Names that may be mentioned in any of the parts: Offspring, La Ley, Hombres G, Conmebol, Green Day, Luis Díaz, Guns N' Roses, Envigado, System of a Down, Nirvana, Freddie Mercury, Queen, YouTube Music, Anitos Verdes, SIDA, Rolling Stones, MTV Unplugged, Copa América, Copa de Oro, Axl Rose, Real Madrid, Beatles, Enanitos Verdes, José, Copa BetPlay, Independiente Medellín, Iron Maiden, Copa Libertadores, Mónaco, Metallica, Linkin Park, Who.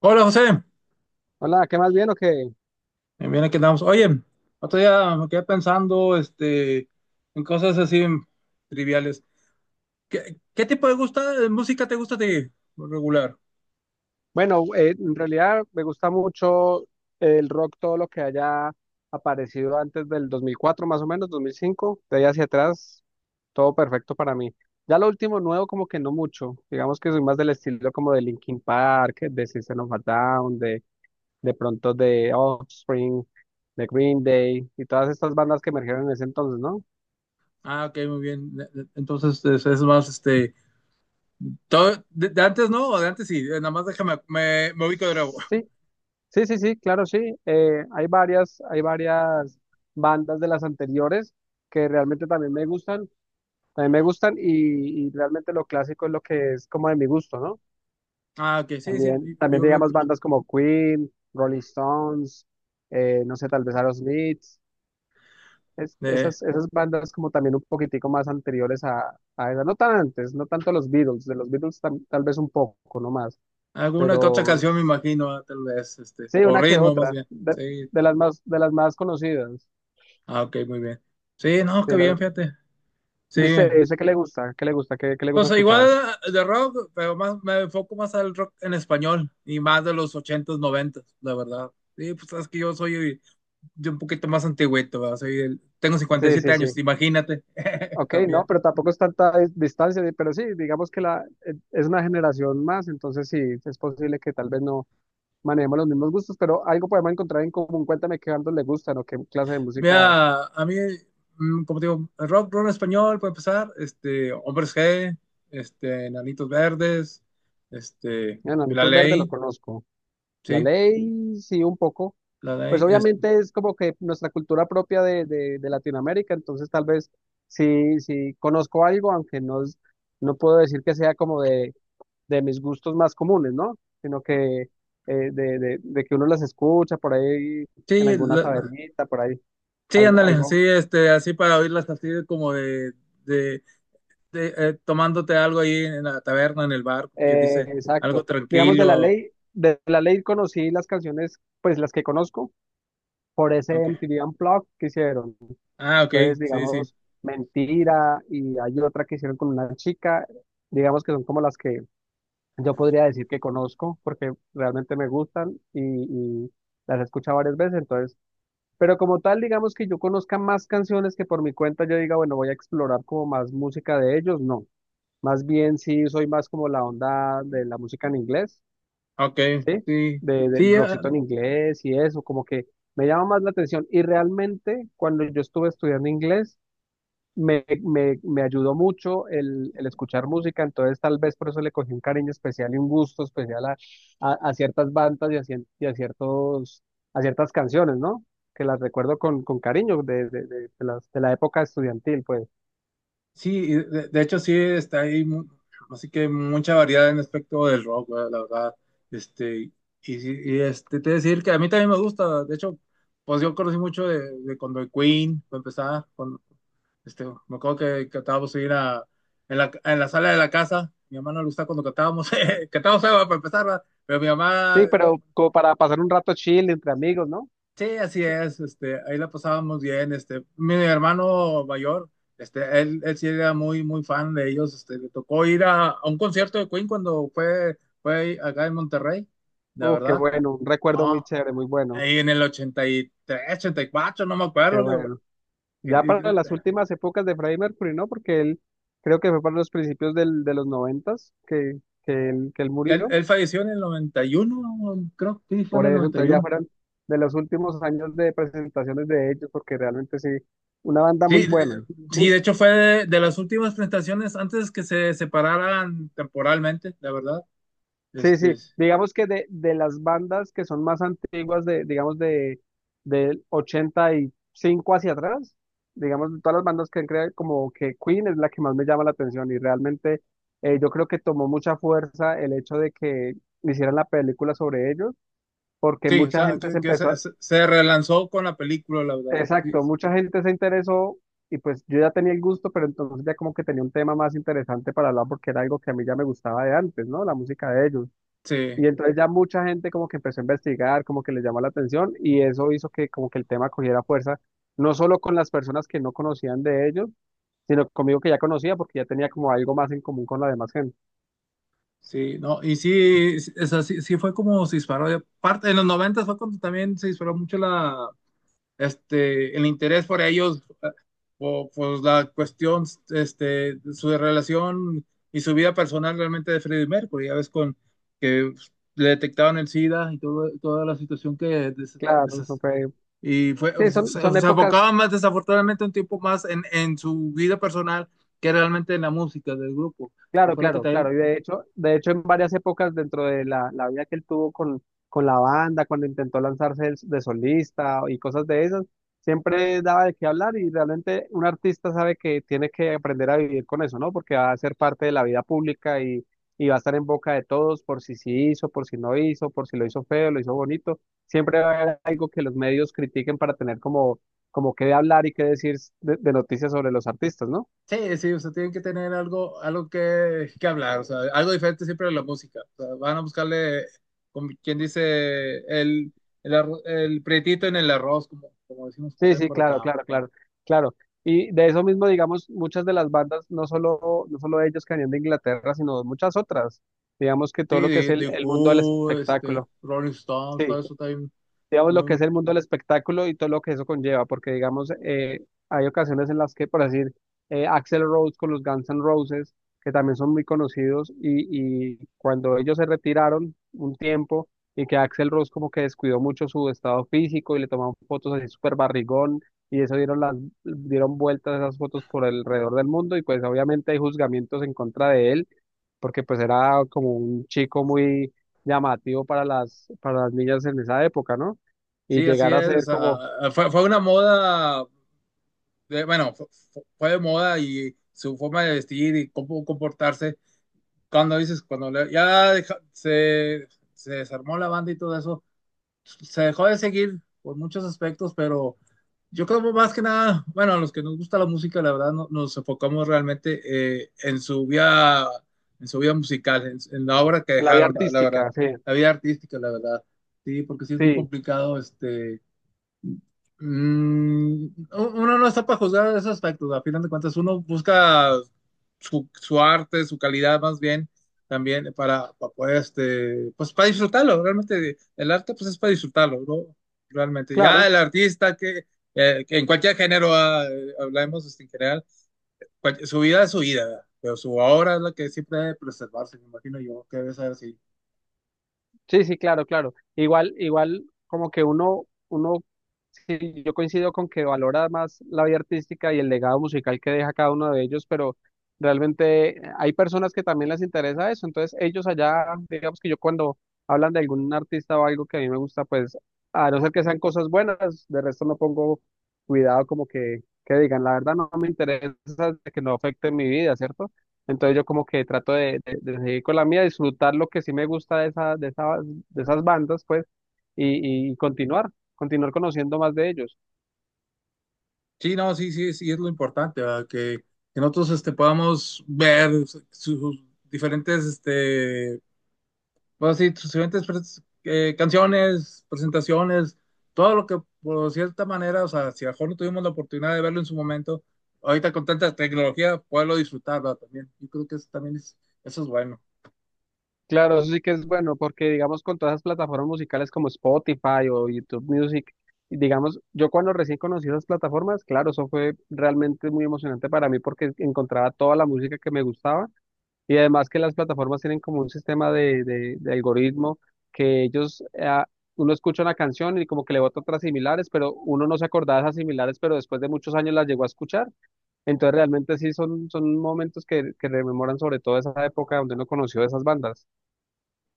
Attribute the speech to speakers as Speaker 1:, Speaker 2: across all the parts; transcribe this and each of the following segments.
Speaker 1: Hola José.
Speaker 2: Hola, ¿qué más bien o qué?
Speaker 1: Bien aquí andamos. Oye, otro día me quedé pensando en cosas así triviales. ¿Qué tipo de música te gusta a ti? Por Regular.
Speaker 2: Bueno, en realidad me gusta mucho el rock, todo lo que haya aparecido antes del 2004, más o menos, 2005, de ahí hacia atrás, todo perfecto para mí. Ya lo último nuevo como que no mucho, digamos que soy más del estilo como de Linkin Park, de System of a Down, de pronto de Offspring, de Green Day y todas estas bandas que emergieron en ese entonces, ¿no?
Speaker 1: Ah, ok, muy bien. Entonces es más, todo, de antes no, o de antes sí. Nada más déjame, me ubico de nuevo.
Speaker 2: Sí, sí, sí, sí, claro, sí. Hay varias bandas de las anteriores que realmente también me gustan, y realmente lo clásico es lo que es como de mi gusto, ¿no?
Speaker 1: Ah, ok, sí,
Speaker 2: También, también
Speaker 1: yo veo que
Speaker 2: digamos bandas como Queen, Rolling Stones, no sé, tal vez Aerosmith,
Speaker 1: eh,
Speaker 2: esas, esas bandas como también un poquitico más anteriores a esas, no tan antes, no tanto los Beatles, de los Beatles tal vez un poco, no más,
Speaker 1: alguna que otra
Speaker 2: pero
Speaker 1: canción me imagino. Ah, tal vez,
Speaker 2: sí,
Speaker 1: o
Speaker 2: una que
Speaker 1: ritmo más
Speaker 2: otra,
Speaker 1: bien. Sí,
Speaker 2: de las más conocidas.
Speaker 1: ah, ok, muy bien. Sí, no,
Speaker 2: Sí,
Speaker 1: qué
Speaker 2: la-
Speaker 1: bien, fíjate. Sí,
Speaker 2: ¿Y usted dice que le gusta? ¿Qué le gusta? ¿Qué le
Speaker 1: o
Speaker 2: gusta
Speaker 1: sea, igual
Speaker 2: escuchar?
Speaker 1: de rock, pero más, me enfoco más al rock en español y más de los 80 noventas, la verdad. Sí, pues sabes que yo soy de un poquito más antigüito, ¿verdad? Tengo cincuenta y
Speaker 2: Sí,
Speaker 1: siete
Speaker 2: sí, sí.
Speaker 1: años, imagínate,
Speaker 2: Ok,
Speaker 1: también.
Speaker 2: no, pero tampoco es tanta distancia, pero sí, digamos que la es una generación más, entonces sí, es posible que tal vez no manejemos los mismos gustos, pero algo podemos encontrar en común. Cuéntame qué bandos le gustan o qué clase de música.
Speaker 1: Mira, a mí, como te digo, rock en español, puede empezar, Hombres G, Enanitos Verdes,
Speaker 2: Bueno,
Speaker 1: La
Speaker 2: Anitos Verdes lo
Speaker 1: Ley,
Speaker 2: conozco. La
Speaker 1: sí,
Speaker 2: Ley, sí, un poco.
Speaker 1: La
Speaker 2: Pues
Speaker 1: Ley, es-
Speaker 2: obviamente es como que nuestra cultura propia de Latinoamérica, entonces tal vez sí, sí, conozco algo, aunque no, no puedo decir que sea como de mis gustos más comunes, ¿no? Sino que de que uno las escucha por ahí en
Speaker 1: sí,
Speaker 2: alguna tabernita, por ahí,
Speaker 1: sí,
Speaker 2: algo,
Speaker 1: ándale, sí,
Speaker 2: algo,
Speaker 1: así para oírlas así como de, de de- eh, tomándote algo ahí en la taberna, en el bar, que dice
Speaker 2: exacto.
Speaker 1: algo
Speaker 2: Digamos,
Speaker 1: tranquilo.
Speaker 2: de la ley conocí las canciones, pues las que conozco, por ese
Speaker 1: Ok.
Speaker 2: MTV Unplugged que hicieron.
Speaker 1: Ah, ok,
Speaker 2: Entonces,
Speaker 1: sí, sí.
Speaker 2: digamos, mentira, y hay otra que hicieron con una chica, digamos que son como las que yo podría decir que conozco, porque realmente me gustan y las he escuchado varias veces. Entonces, pero como tal, digamos que yo conozca más canciones que por mi cuenta yo diga, bueno, voy a explorar como más música de ellos, no. Más bien sí soy más como la onda de la música en inglés,
Speaker 1: Ok,
Speaker 2: ¿sí?
Speaker 1: sí.
Speaker 2: De, del
Speaker 1: Sí, eh,
Speaker 2: rockcito en inglés y eso, como que me llama más la atención. Y realmente cuando yo estuve estudiando inglés, me ayudó mucho el escuchar música, entonces tal vez por eso le cogí un cariño especial y un gusto especial a ciertas bandas y a, y a ciertos, a ciertas canciones, ¿no? Que las recuerdo con cariño de las, de la época estudiantil, pues.
Speaker 1: sí, y de hecho sí está ahí, así que mucha variedad en aspecto del rock, güey, la verdad. Este, y, sí, y, te voy a decir que a mí también me gusta. De hecho, pues yo conocí mucho de cuando el Queen, para empezar. Me acuerdo que cantábamos ir a, en la sala de la casa. Mi mamá no le gustaba cuando cantábamos, cantábamos algo para empezar, ¿verdad? Pero mi
Speaker 2: Sí,
Speaker 1: mamá,
Speaker 2: pero
Speaker 1: como,
Speaker 2: como para pasar un rato chill entre amigos, ¿no?
Speaker 1: sí, así es. Ahí la pasábamos bien. Mi hermano mayor, él sí era muy fan de ellos. Le tocó ir a un concierto de Queen cuando fue acá en Monterrey, la
Speaker 2: Uf, qué
Speaker 1: verdad.
Speaker 2: bueno, un recuerdo muy
Speaker 1: No,
Speaker 2: chévere, muy bueno,
Speaker 1: ahí en el 80, 83, 84 no me
Speaker 2: qué
Speaker 1: acuerdo, le digo.
Speaker 2: bueno.
Speaker 1: Que-
Speaker 2: Ya
Speaker 1: y-
Speaker 2: para las últimas épocas de Freddie Mercury, ¿no? Porque él creo que fue para los principios de los noventas que, que él
Speaker 1: Él,
Speaker 2: murió.
Speaker 1: él falleció en el 91, creo que sí, fue en
Speaker 2: Por
Speaker 1: el
Speaker 2: eso,
Speaker 1: noventa y
Speaker 2: entonces ya
Speaker 1: uno
Speaker 2: fueron de los últimos años de presentaciones de ellos, porque realmente sí, una banda
Speaker 1: Sí,
Speaker 2: muy
Speaker 1: eh,
Speaker 2: buena.
Speaker 1: sí,
Speaker 2: Di-
Speaker 1: de hecho fue de las últimas presentaciones antes que se separaran temporalmente, la verdad.
Speaker 2: sí, sí,
Speaker 1: Este,
Speaker 2: digamos que de las bandas que son más antiguas, digamos de, del 85 hacia atrás, digamos de todas las bandas que han creado, como que Queen es la que más me llama la atención y realmente yo creo que tomó mucha fuerza el hecho de que hicieran la película sobre ellos, porque
Speaker 1: sí, o
Speaker 2: mucha
Speaker 1: sea,
Speaker 2: gente se
Speaker 1: que, que
Speaker 2: empezó
Speaker 1: se,
Speaker 2: a...
Speaker 1: se- se relanzó con la película, la verdad. Sí,
Speaker 2: Exacto, mucha gente se interesó y pues yo ya tenía el gusto, pero entonces ya como que tenía un tema más interesante para hablar porque era algo que a mí ya me gustaba de antes, ¿no? La música de ellos.
Speaker 1: sí,
Speaker 2: Y entonces ya mucha gente como que empezó a investigar, como que les llamó la atención y eso hizo que como que el tema cogiera fuerza, no solo con las personas que no conocían de ellos, sino conmigo que ya conocía porque ya tenía como algo más en común con la demás gente.
Speaker 1: sí, no, y sí, sí, o sea, sí, sí fue como se disparó. Y aparte, en los 90 fue cuando también se disparó mucho la, el interés por ellos, o pues la cuestión, su relación y su vida personal realmente de Freddie Mercury. Ya ves con que le detectaban el SIDA y todo, toda la situación que des,
Speaker 2: Claro, eso
Speaker 1: des,
Speaker 2: fue,
Speaker 1: y fue,
Speaker 2: sí,
Speaker 1: se,
Speaker 2: son, son
Speaker 1: se,
Speaker 2: épocas.
Speaker 1: enfocaba más desafortunadamente un tiempo más en su vida personal que realmente en la música del grupo, que
Speaker 2: Claro,
Speaker 1: fue lo que
Speaker 2: claro,
Speaker 1: también.
Speaker 2: claro. Y de hecho, en varias épocas dentro de la vida que él tuvo con la banda, cuando intentó lanzarse de solista y cosas de esas, siempre daba de qué hablar y realmente un artista sabe que tiene que aprender a vivir con eso, ¿no? Porque va a ser parte de la vida pública y va a estar en boca de todos por si sí hizo, por si no hizo, por si lo hizo feo, lo hizo bonito. Siempre va a haber algo que los medios critiquen para tener como, como qué hablar y qué decir de noticias sobre los artistas, ¿no?
Speaker 1: Sí, sí, o sea, tienen que tener algo, algo que hablar, o sea, algo diferente siempre de la música. O sea, van a buscarle, como quien dice, el, el prietito en el arroz, como, como decimos
Speaker 2: Sí,
Speaker 1: también
Speaker 2: sí,
Speaker 1: por
Speaker 2: claro,
Speaker 1: acá.
Speaker 2: claro, claro, claro. Y de eso mismo, digamos, muchas de las bandas, no solo ellos que venían de Inglaterra, sino muchas otras. Digamos que
Speaker 1: Sí,
Speaker 2: todo lo que es
Speaker 1: de
Speaker 2: el mundo del
Speaker 1: Who,
Speaker 2: espectáculo.
Speaker 1: Rolling Stones, todo
Speaker 2: Sí,
Speaker 1: eso también.
Speaker 2: digamos, lo que
Speaker 1: muy-
Speaker 2: es el mundo del espectáculo y todo lo que eso conlleva, porque, digamos, hay ocasiones en las que, por decir, Axl Rose con los Guns N' Roses, que también son muy conocidos, y cuando ellos se retiraron un tiempo y que Axl Rose como que descuidó mucho su estado físico y le tomaban fotos así súper barrigón, y eso dieron, las, dieron vueltas esas fotos por alrededor del mundo, y pues obviamente hay juzgamientos en contra de él porque pues era como un chico muy llamativo para las niñas en esa época, ¿no? Y
Speaker 1: sí, así
Speaker 2: llegar a
Speaker 1: es, o
Speaker 2: ser como
Speaker 1: sea, fue una moda, de- bueno, fue, fue de moda y su forma de vestir y cómo comportarse. Cuando dices, cuando le- ya deja- se desarmó la banda y todo eso se dejó de seguir por muchos aspectos. Pero yo creo más que nada, bueno, a los que nos gusta la música, la verdad, nos enfocamos realmente, en su vida musical, en la obra que
Speaker 2: en la vida
Speaker 1: dejaron, la verdad,
Speaker 2: artística, sí,
Speaker 1: la vida artística, la verdad. Sí, porque sí es muy
Speaker 2: sí,
Speaker 1: complicado, uno no está para juzgar esos aspectos. A final de cuentas, uno busca su arte, su calidad más bien, también para poder, pues para disfrutarlo, realmente el arte pues es para disfrutarlo, ¿no? Realmente, ya
Speaker 2: claro.
Speaker 1: el artista que en cualquier género hablemos en general, su vida es su vida, pero su obra es la que siempre debe preservarse, me imagino yo que debe ser así.
Speaker 2: Sí, sí, claro, claro. Igual, igual, como que uno, uno, sí, yo coincido con que valora más la vida artística y el legado musical que deja cada uno de ellos, pero realmente hay personas que también les interesa eso. Entonces, ellos allá, digamos que yo cuando hablan de algún artista o algo que a mí me gusta, pues, a no ser que sean cosas buenas, de resto no pongo cuidado como que digan, la verdad no me interesa que no afecte mi vida, ¿cierto? Entonces yo como que trato de seguir con la mía, disfrutar lo que sí me gusta de esa, de esas bandas, pues, y continuar, continuar conociendo más de ellos.
Speaker 1: Sí, no, sí, sí, sí, es lo importante, ¿verdad? Que nosotros podamos ver sus diferentes, sí, sus diferentes canciones, presentaciones, todo lo que por cierta manera, o sea, si a lo mejor no tuvimos la oportunidad de verlo en su momento, ahorita con tanta tecnología, poderlo disfrutar, ¿verdad? También, yo creo que eso también es, eso es bueno.
Speaker 2: Claro, eso sí que es bueno, porque digamos con todas las plataformas musicales como Spotify o YouTube Music, y digamos, yo cuando recién conocí esas plataformas, claro, eso fue realmente muy emocionante para mí porque encontraba toda la música que me gustaba. Y además que las plataformas tienen como un sistema de algoritmo que ellos, uno escucha una canción y como que le bota otras similares, pero uno no se acordaba de esas similares, pero después de muchos años las llegó a escuchar. Entonces realmente sí son, son momentos que rememoran sobre todo esa época donde uno conoció esas bandas.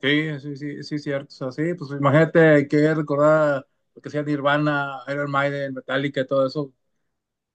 Speaker 1: Sí, sí, sí, sí, cierto, o sea, sí, pues imagínate que recordar lo que sea Nirvana, Iron Maiden, Metallica, todo eso,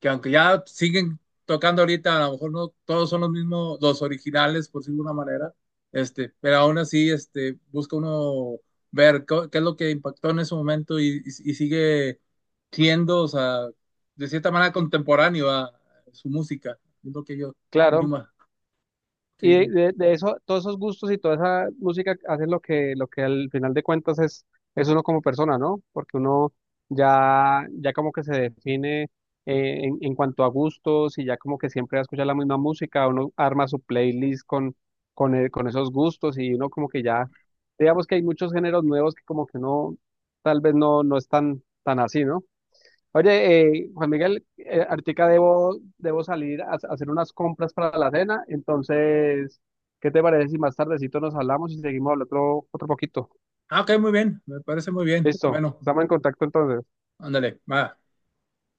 Speaker 1: que aunque ya siguen tocando ahorita, a lo mejor no todos son los mismos, los originales, por decirlo de una manera, pero aún así, busca uno ver qué es lo que impactó en ese momento y sigue siendo, o sea, de cierta manera contemporáneo a su música, es lo que yo
Speaker 2: Claro.
Speaker 1: misma,
Speaker 2: Y
Speaker 1: sí.
Speaker 2: de eso, todos esos gustos y toda esa música hacen lo que al final de cuentas es uno como persona, ¿no? Porque uno ya, ya como que se define en cuanto a gustos y ya como que siempre va a escuchar la misma música, uno arma su playlist con, con esos gustos y uno como que ya, digamos que hay muchos géneros nuevos que como que uno tal vez no, no es tan, tan así, ¿no? Oye, Juan Miguel, ahorita debo salir a hacer unas compras para la cena, entonces, ¿qué te parece si más tardecito nos hablamos y seguimos hablando otro, otro poquito?
Speaker 1: Ah, ok, muy bien, me parece muy bien.
Speaker 2: Listo,
Speaker 1: Bueno,
Speaker 2: estamos en contacto entonces.
Speaker 1: ándale, va.